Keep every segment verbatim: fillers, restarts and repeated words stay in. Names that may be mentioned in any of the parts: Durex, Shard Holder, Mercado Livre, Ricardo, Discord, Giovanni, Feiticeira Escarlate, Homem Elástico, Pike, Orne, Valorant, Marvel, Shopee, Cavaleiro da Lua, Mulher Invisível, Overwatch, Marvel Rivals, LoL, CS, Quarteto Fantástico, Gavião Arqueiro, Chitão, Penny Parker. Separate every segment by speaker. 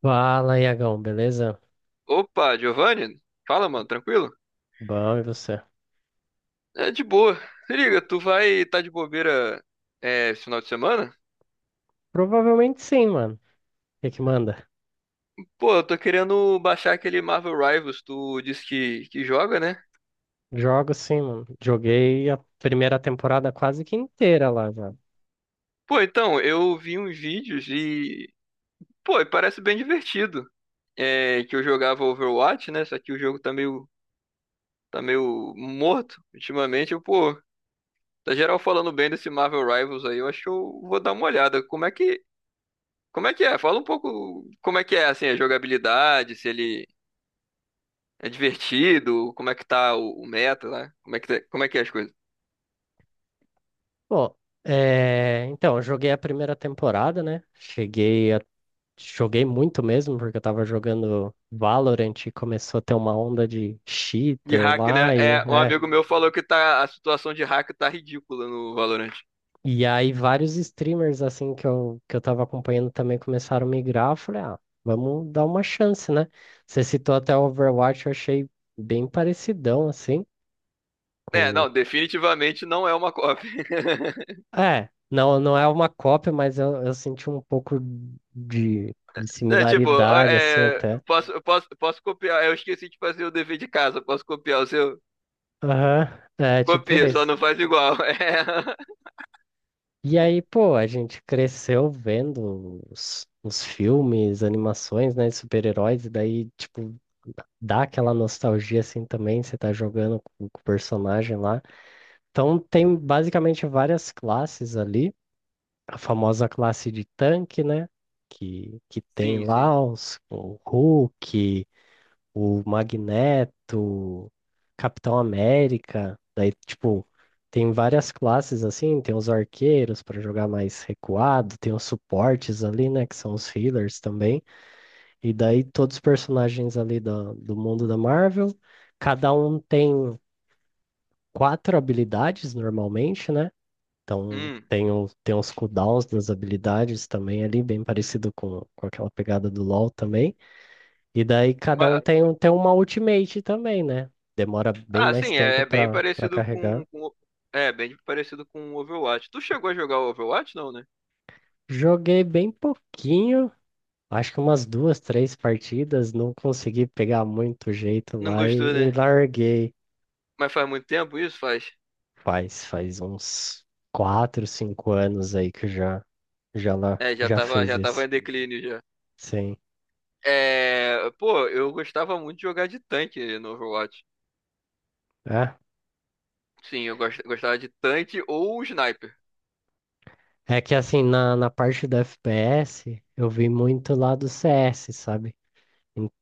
Speaker 1: Fala, Iagão, beleza?
Speaker 2: Opa, Giovanni? Fala, mano, tranquilo?
Speaker 1: Bom, e você?
Speaker 2: É de boa. Se liga, tu vai tá de bobeira, é, esse final de semana?
Speaker 1: Provavelmente sim, mano. O que que manda?
Speaker 2: Pô, eu tô querendo baixar aquele Marvel Rivals, tu disse que, que joga, né?
Speaker 1: Jogo sim, mano. Joguei a primeira temporada quase que inteira lá já.
Speaker 2: Pô, então, eu vi uns vídeos e. Pô, e parece bem divertido. É que eu jogava Overwatch, né? Só que o jogo tá meio, tá meio morto ultimamente. Eu, pô, tá geral falando bem desse Marvel Rivals aí, eu acho que eu vou dar uma olhada. Como é que. Como é que é? Fala um pouco como é que é, assim, a jogabilidade, se ele é divertido? Como é que tá o, o meta lá? Como é que, tá- como é que é as coisas?
Speaker 1: Pô, é... então, eu joguei a primeira temporada, né? Cheguei a. Joguei muito mesmo, porque eu tava jogando Valorant e começou a ter uma onda de
Speaker 2: De
Speaker 1: cheater
Speaker 2: hack, né?
Speaker 1: lá e...
Speaker 2: É, um
Speaker 1: É,
Speaker 2: amigo meu falou que tá, a situação de hack tá ridícula no Valorant.
Speaker 1: E aí vários streamers assim que eu, que eu tava acompanhando também começaram a migrar. Eu falei, ah, vamos dar uma chance, né? Você citou até o Overwatch, eu achei bem parecidão assim
Speaker 2: É,
Speaker 1: com.
Speaker 2: não, definitivamente não é uma cópia.
Speaker 1: É, não, não é uma cópia, mas eu, eu senti um pouco de, de
Speaker 2: É, tipo,
Speaker 1: similaridade assim
Speaker 2: é,
Speaker 1: até.
Speaker 2: posso, eu posso, posso copiar. Eu esqueci de fazer o dever de casa. Posso copiar o seu?
Speaker 1: Aham. É, tipo
Speaker 2: Copia, só
Speaker 1: esse.
Speaker 2: não faz igual. É.
Speaker 1: E aí, pô, a gente cresceu vendo os, os filmes, animações, né, de super-heróis, e daí, tipo, dá aquela nostalgia assim também, você tá jogando com, com o personagem lá. Então tem basicamente várias classes ali, a famosa classe de tanque, né? Que, que tem
Speaker 2: Sim, sim.
Speaker 1: lá os, o Hulk, o Magneto, Capitão América, daí tipo. Tem várias classes assim, tem os arqueiros para jogar mais recuado, tem os suportes ali, né, que são os healers também. E daí todos os personagens ali da- do mundo da Marvel, cada um tem quatro habilidades normalmente, né? Então
Speaker 2: Hum.
Speaker 1: tem, o, tem os cooldowns das habilidades também ali, bem parecido com, com aquela pegada do LoL também. E daí cada um
Speaker 2: Mas,
Speaker 1: tem, um- tem uma ultimate também, né? Demora bem
Speaker 2: ah,
Speaker 1: mais
Speaker 2: sim, é,
Speaker 1: tempo
Speaker 2: é bem
Speaker 1: para para
Speaker 2: parecido
Speaker 1: carregar.
Speaker 2: com, com. É, bem parecido com o Overwatch. Tu chegou a jogar o Overwatch, não, né?
Speaker 1: Joguei bem pouquinho, acho que umas duas, três partidas, não consegui pegar muito jeito
Speaker 2: Não
Speaker 1: lá
Speaker 2: gostou,
Speaker 1: e
Speaker 2: né?
Speaker 1: e larguei.
Speaker 2: Mas faz muito tempo isso, faz?
Speaker 1: Faz, faz uns quatro, cinco anos aí que já, já, lá,
Speaker 2: É, já
Speaker 1: já
Speaker 2: tava,
Speaker 1: fez
Speaker 2: já tava
Speaker 1: esse.
Speaker 2: em declínio já.
Speaker 1: Sim.
Speaker 2: É, pô, eu gostava muito de jogar de tanque no Overwatch.
Speaker 1: É,
Speaker 2: Sim, eu gos- gostava de tanque ou sniper.
Speaker 1: é que assim, na, na parte do F P S, eu vi muito lá do C S, sabe?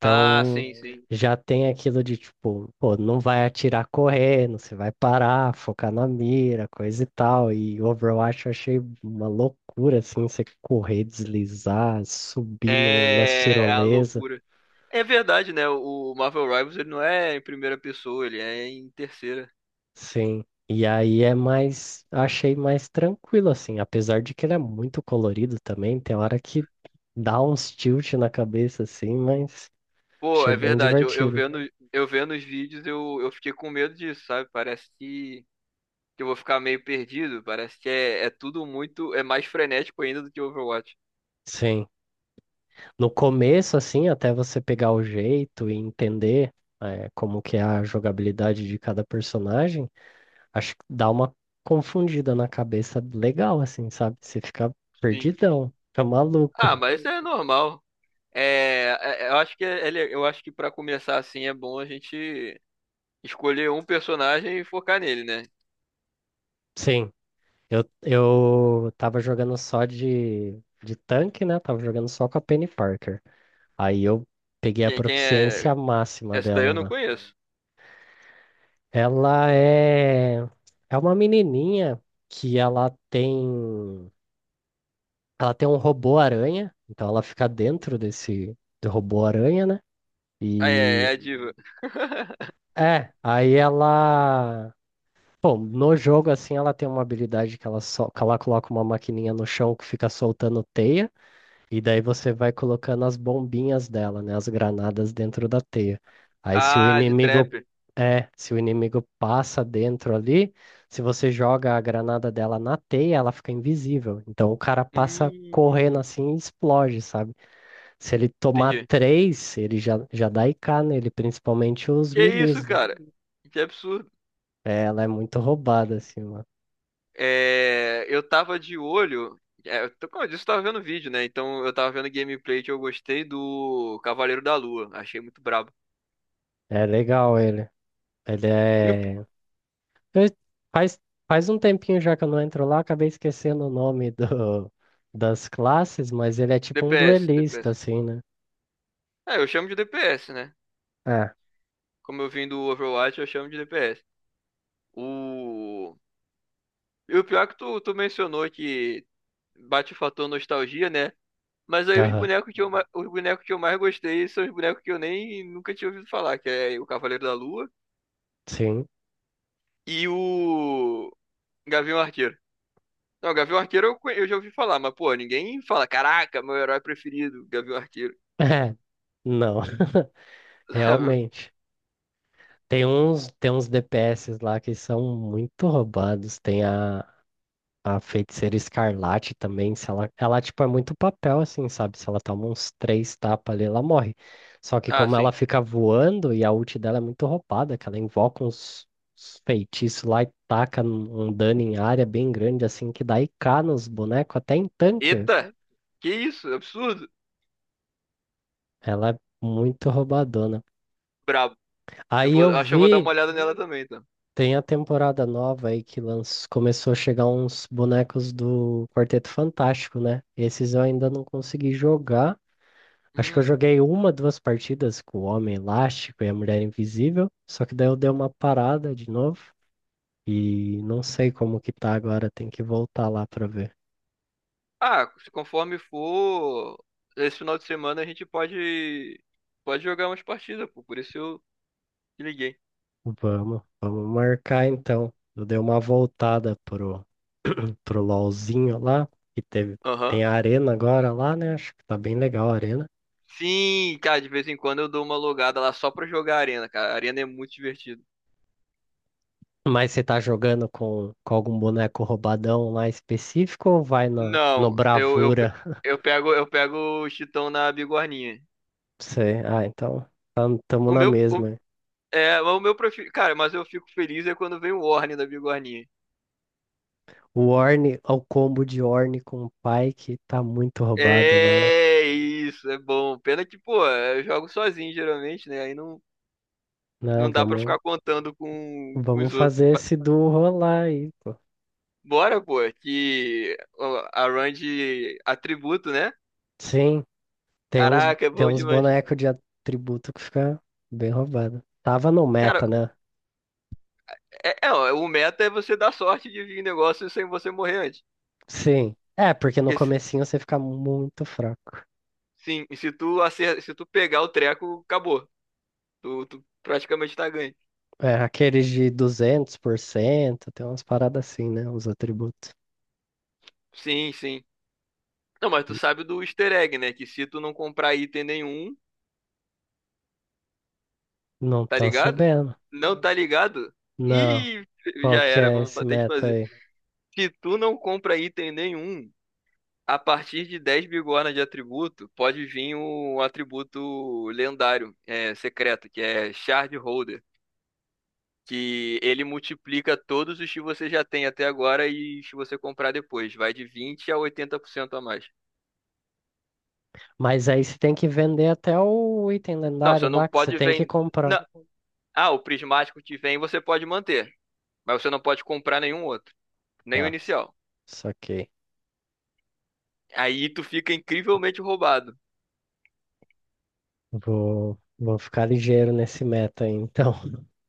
Speaker 2: Ah, sim, sim.
Speaker 1: já tem aquilo de tipo, pô, não vai atirar correndo, você vai parar, focar na mira, coisa e tal. E Overwatch eu achei uma loucura, assim, você correr, deslizar, subir no, nas
Speaker 2: É, é a
Speaker 1: tirolesas.
Speaker 2: loucura. É verdade, né? O Marvel Rivals ele não é em primeira pessoa, ele é em terceira.
Speaker 1: Sim. E aí é mais, achei mais tranquilo assim, apesar de que ele é muito colorido também, tem hora que dá uns tilt na cabeça assim, mas
Speaker 2: Pô,
Speaker 1: achei
Speaker 2: é
Speaker 1: bem
Speaker 2: verdade. Eu, eu
Speaker 1: divertido.
Speaker 2: vendo, eu vendo os vídeos, eu, eu fiquei com medo disso, sabe? Parece que, que eu vou ficar meio perdido. Parece que é, é tudo muito, é mais frenético ainda do que Overwatch.
Speaker 1: Sim. No começo assim, até você pegar o jeito e entender eh, como que é a jogabilidade de cada personagem, acho que dá uma confundida na cabeça legal assim, sabe? Você fica
Speaker 2: Sim.
Speaker 1: perdidão, fica maluco.
Speaker 2: Ah, mas isso é normal. É, é- é, eu acho que ele, eu acho que para começar assim é bom a gente escolher um personagem e focar nele, né?
Speaker 1: Sim. Eu, eu tava jogando só de, de tanque, né? Tava jogando só com a Penny Parker. Aí eu peguei a
Speaker 2: Quem, quem é?
Speaker 1: proficiência máxima
Speaker 2: Essa daí
Speaker 1: dela
Speaker 2: eu não
Speaker 1: lá.
Speaker 2: conheço.
Speaker 1: Ela é, é uma menininha que ela tem, ela tem um robô aranha, então ela fica dentro desse do robô aranha, né?
Speaker 2: Ah, é, é
Speaker 1: E
Speaker 2: a diva.
Speaker 1: é, aí ela, bom, no jogo assim ela tem uma habilidade que ela só, que ela coloca uma maquininha no chão que fica soltando teia. E daí você vai colocando as bombinhas dela, né? As granadas dentro da teia. Aí se o
Speaker 2: Ah, de trap.
Speaker 1: inimigo é, se o inimigo passa dentro ali, se você joga a granada dela na teia, ela fica invisível. Então o cara passa correndo
Speaker 2: Hum,
Speaker 1: assim e explode, sabe? Se ele tomar
Speaker 2: entendi.
Speaker 1: três, ele já, já dá I K nele, principalmente os
Speaker 2: Que isso,
Speaker 1: milis, né?
Speaker 2: cara? Que absurdo.
Speaker 1: É, ela é muito roubada, assim, mano.
Speaker 2: É, eu tava de olho. É, eu tô- como eu disse, eu tava vendo vídeo, né? Então eu tava vendo gameplay que eu gostei do Cavaleiro da Lua. Achei muito brabo.
Speaker 1: É legal ele. Ele
Speaker 2: E o
Speaker 1: é Fe- Faz, faz um tempinho já que eu não entro lá, acabei esquecendo o nome do, das classes, mas ele é tipo um
Speaker 2: D P S, D P S.
Speaker 1: duelista, assim, né?
Speaker 2: É, eu chamo de D P S, né?
Speaker 1: É.
Speaker 2: Como eu vim do Overwatch, eu chamo de D P S. O... E o pior é que tu, tu mencionou que bate o fator nostalgia, né? Mas aí os
Speaker 1: Aham,
Speaker 2: bonecos que eu, ma- os bonecos que eu mais gostei são os bonecos que eu nem nunca tinha ouvido falar, que é o Cavaleiro da Lua
Speaker 1: sim.
Speaker 2: e o Gavião Arqueiro. Não, Gavião Arqueiro eu, conhe- eu já ouvi falar, mas pô, ninguém fala, caraca, meu herói preferido, Gavião Arqueiro.
Speaker 1: É, não, realmente. Tem uns, tem uns D P S lá que são muito roubados. Tem a, A Feiticeira Escarlate também, se ela, ela tipo é muito papel assim, sabe? Se ela toma uns três tapas ali, ela morre. Só que
Speaker 2: Ah,
Speaker 1: como
Speaker 2: sim.
Speaker 1: ela fica voando e a ult dela é muito roubada, que ela invoca uns, uns feitiços lá e taca um um dano em área bem grande assim que dá I K nos bonecos, até em tanque. Velho.
Speaker 2: Eita! Que isso? Absurdo!
Speaker 1: Ela é muito roubadona.
Speaker 2: Brabo. Eu
Speaker 1: Aí
Speaker 2: vou,
Speaker 1: eu
Speaker 2: acho que eu vou dar uma
Speaker 1: vi,
Speaker 2: olhada nela também, então.
Speaker 1: tem a temporada nova aí que lanç... começou a chegar uns bonecos do Quarteto Fantástico, né? Esses eu ainda não consegui jogar. Acho que eu
Speaker 2: Hum.
Speaker 1: joguei uma, duas partidas com o Homem Elástico e a Mulher Invisível, só que daí eu dei uma parada de novo e não sei como que tá agora, tem que voltar lá pra ver.
Speaker 2: Ah, se conforme for, esse final de semana a gente pode pode jogar umas partidas, pô. Por isso eu te liguei.
Speaker 1: Vamos, vamos marcar então. Eu dei uma voltada pro, pro LOLzinho lá, que teve, tem
Speaker 2: Aham.
Speaker 1: a arena agora lá, né? Acho que tá bem legal a arena.
Speaker 2: Sim, cara, de vez em quando eu dou uma logada lá só pra jogar arena, cara. A arena é muito divertido.
Speaker 1: Mas você tá jogando com, com algum boneco roubadão lá específico ou vai no, no
Speaker 2: Não, eu eu, pe-
Speaker 1: Bravura?
Speaker 2: eu pego eu pego o Chitão na bigorninha.
Speaker 1: Sei. Ah, então. Estamos
Speaker 2: O
Speaker 1: na
Speaker 2: meu o,
Speaker 1: mesma.
Speaker 2: é, o meu prefiro, cara, mas eu fico feliz é quando vem o Orne da bigorninha.
Speaker 1: O Orne, ao combo de Orne com o Pike, tá muito roubado lá.
Speaker 2: É isso, é bom. Pena que, pô, eu jogo sozinho geralmente, né? Aí não
Speaker 1: Não,
Speaker 2: Não dá pra
Speaker 1: vamos,
Speaker 2: ficar contando com, com
Speaker 1: vamos
Speaker 2: os outros.
Speaker 1: fazer
Speaker 2: Mas
Speaker 1: esse duo rolar aí, pô.
Speaker 2: bora, pô, que a run de atributo, né?
Speaker 1: Sim, tem uns,
Speaker 2: Caraca, é
Speaker 1: tem
Speaker 2: bom
Speaker 1: uns
Speaker 2: demais.
Speaker 1: bonecos de atributo que fica bem roubado. Tava no
Speaker 2: Cara,
Speaker 1: meta, né?
Speaker 2: é, é, ó, o meta é você dar sorte de vir negócio sem você morrer antes.
Speaker 1: Sim. É, porque no
Speaker 2: Porque se-
Speaker 1: comecinho você fica muito fraco.
Speaker 2: Sim, se tu acer, se tu pegar o treco, acabou. Tu, tu praticamente tá ganho.
Speaker 1: É, aqueles de duzentos por cento, tem umas paradas assim, né? Os atributos.
Speaker 2: Sim, sim. Não, mas tu sabe do easter egg, né? Que se tu não comprar item nenhum,
Speaker 1: Não
Speaker 2: tá
Speaker 1: tô
Speaker 2: ligado?
Speaker 1: sabendo.
Speaker 2: Não tá ligado?
Speaker 1: Não.
Speaker 2: Ih,
Speaker 1: Qual
Speaker 2: já
Speaker 1: que
Speaker 2: era,
Speaker 1: é
Speaker 2: vamos
Speaker 1: esse
Speaker 2: ter que
Speaker 1: meta
Speaker 2: fazer.
Speaker 1: aí?
Speaker 2: Se tu não compra item nenhum, a partir de dez bigorna de atributo, pode vir um atributo lendário, é, secreto, que é Shard Holder. Que ele multiplica todos os que você já tem até agora e se você comprar depois. Vai de vinte a oitenta por cento a mais.
Speaker 1: Mas aí você tem que vender até o item
Speaker 2: Não,
Speaker 1: lendário
Speaker 2: você não
Speaker 1: lá que você
Speaker 2: pode
Speaker 1: tem que
Speaker 2: vender.
Speaker 1: comprar.
Speaker 2: Ah, o prismático que vem você pode manter. Mas você não pode comprar nenhum outro. Nem o
Speaker 1: Tá,
Speaker 2: inicial.
Speaker 1: saquei.
Speaker 2: Aí tu fica incrivelmente roubado.
Speaker 1: Vou, vou ficar ligeiro nesse meta aí, então.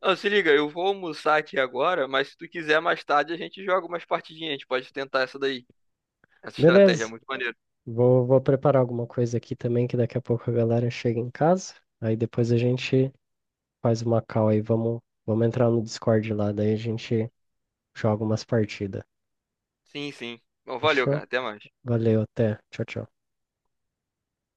Speaker 2: Não, se liga, eu vou almoçar aqui agora, mas se tu quiser mais tarde a gente joga umas partidinhas, a gente pode tentar essa daí. Essa estratégia é
Speaker 1: Beleza.
Speaker 2: muito maneira.
Speaker 1: Vou, vou preparar alguma coisa aqui também, que daqui a pouco a galera chega em casa. Aí depois a gente faz uma call aí. Vamos, vamos entrar no Discord lá, daí a gente joga umas partidas.
Speaker 2: Sim, sim. Bom, valeu,
Speaker 1: Fechou?
Speaker 2: cara. Até mais.
Speaker 1: Valeu, até. Tchau, tchau.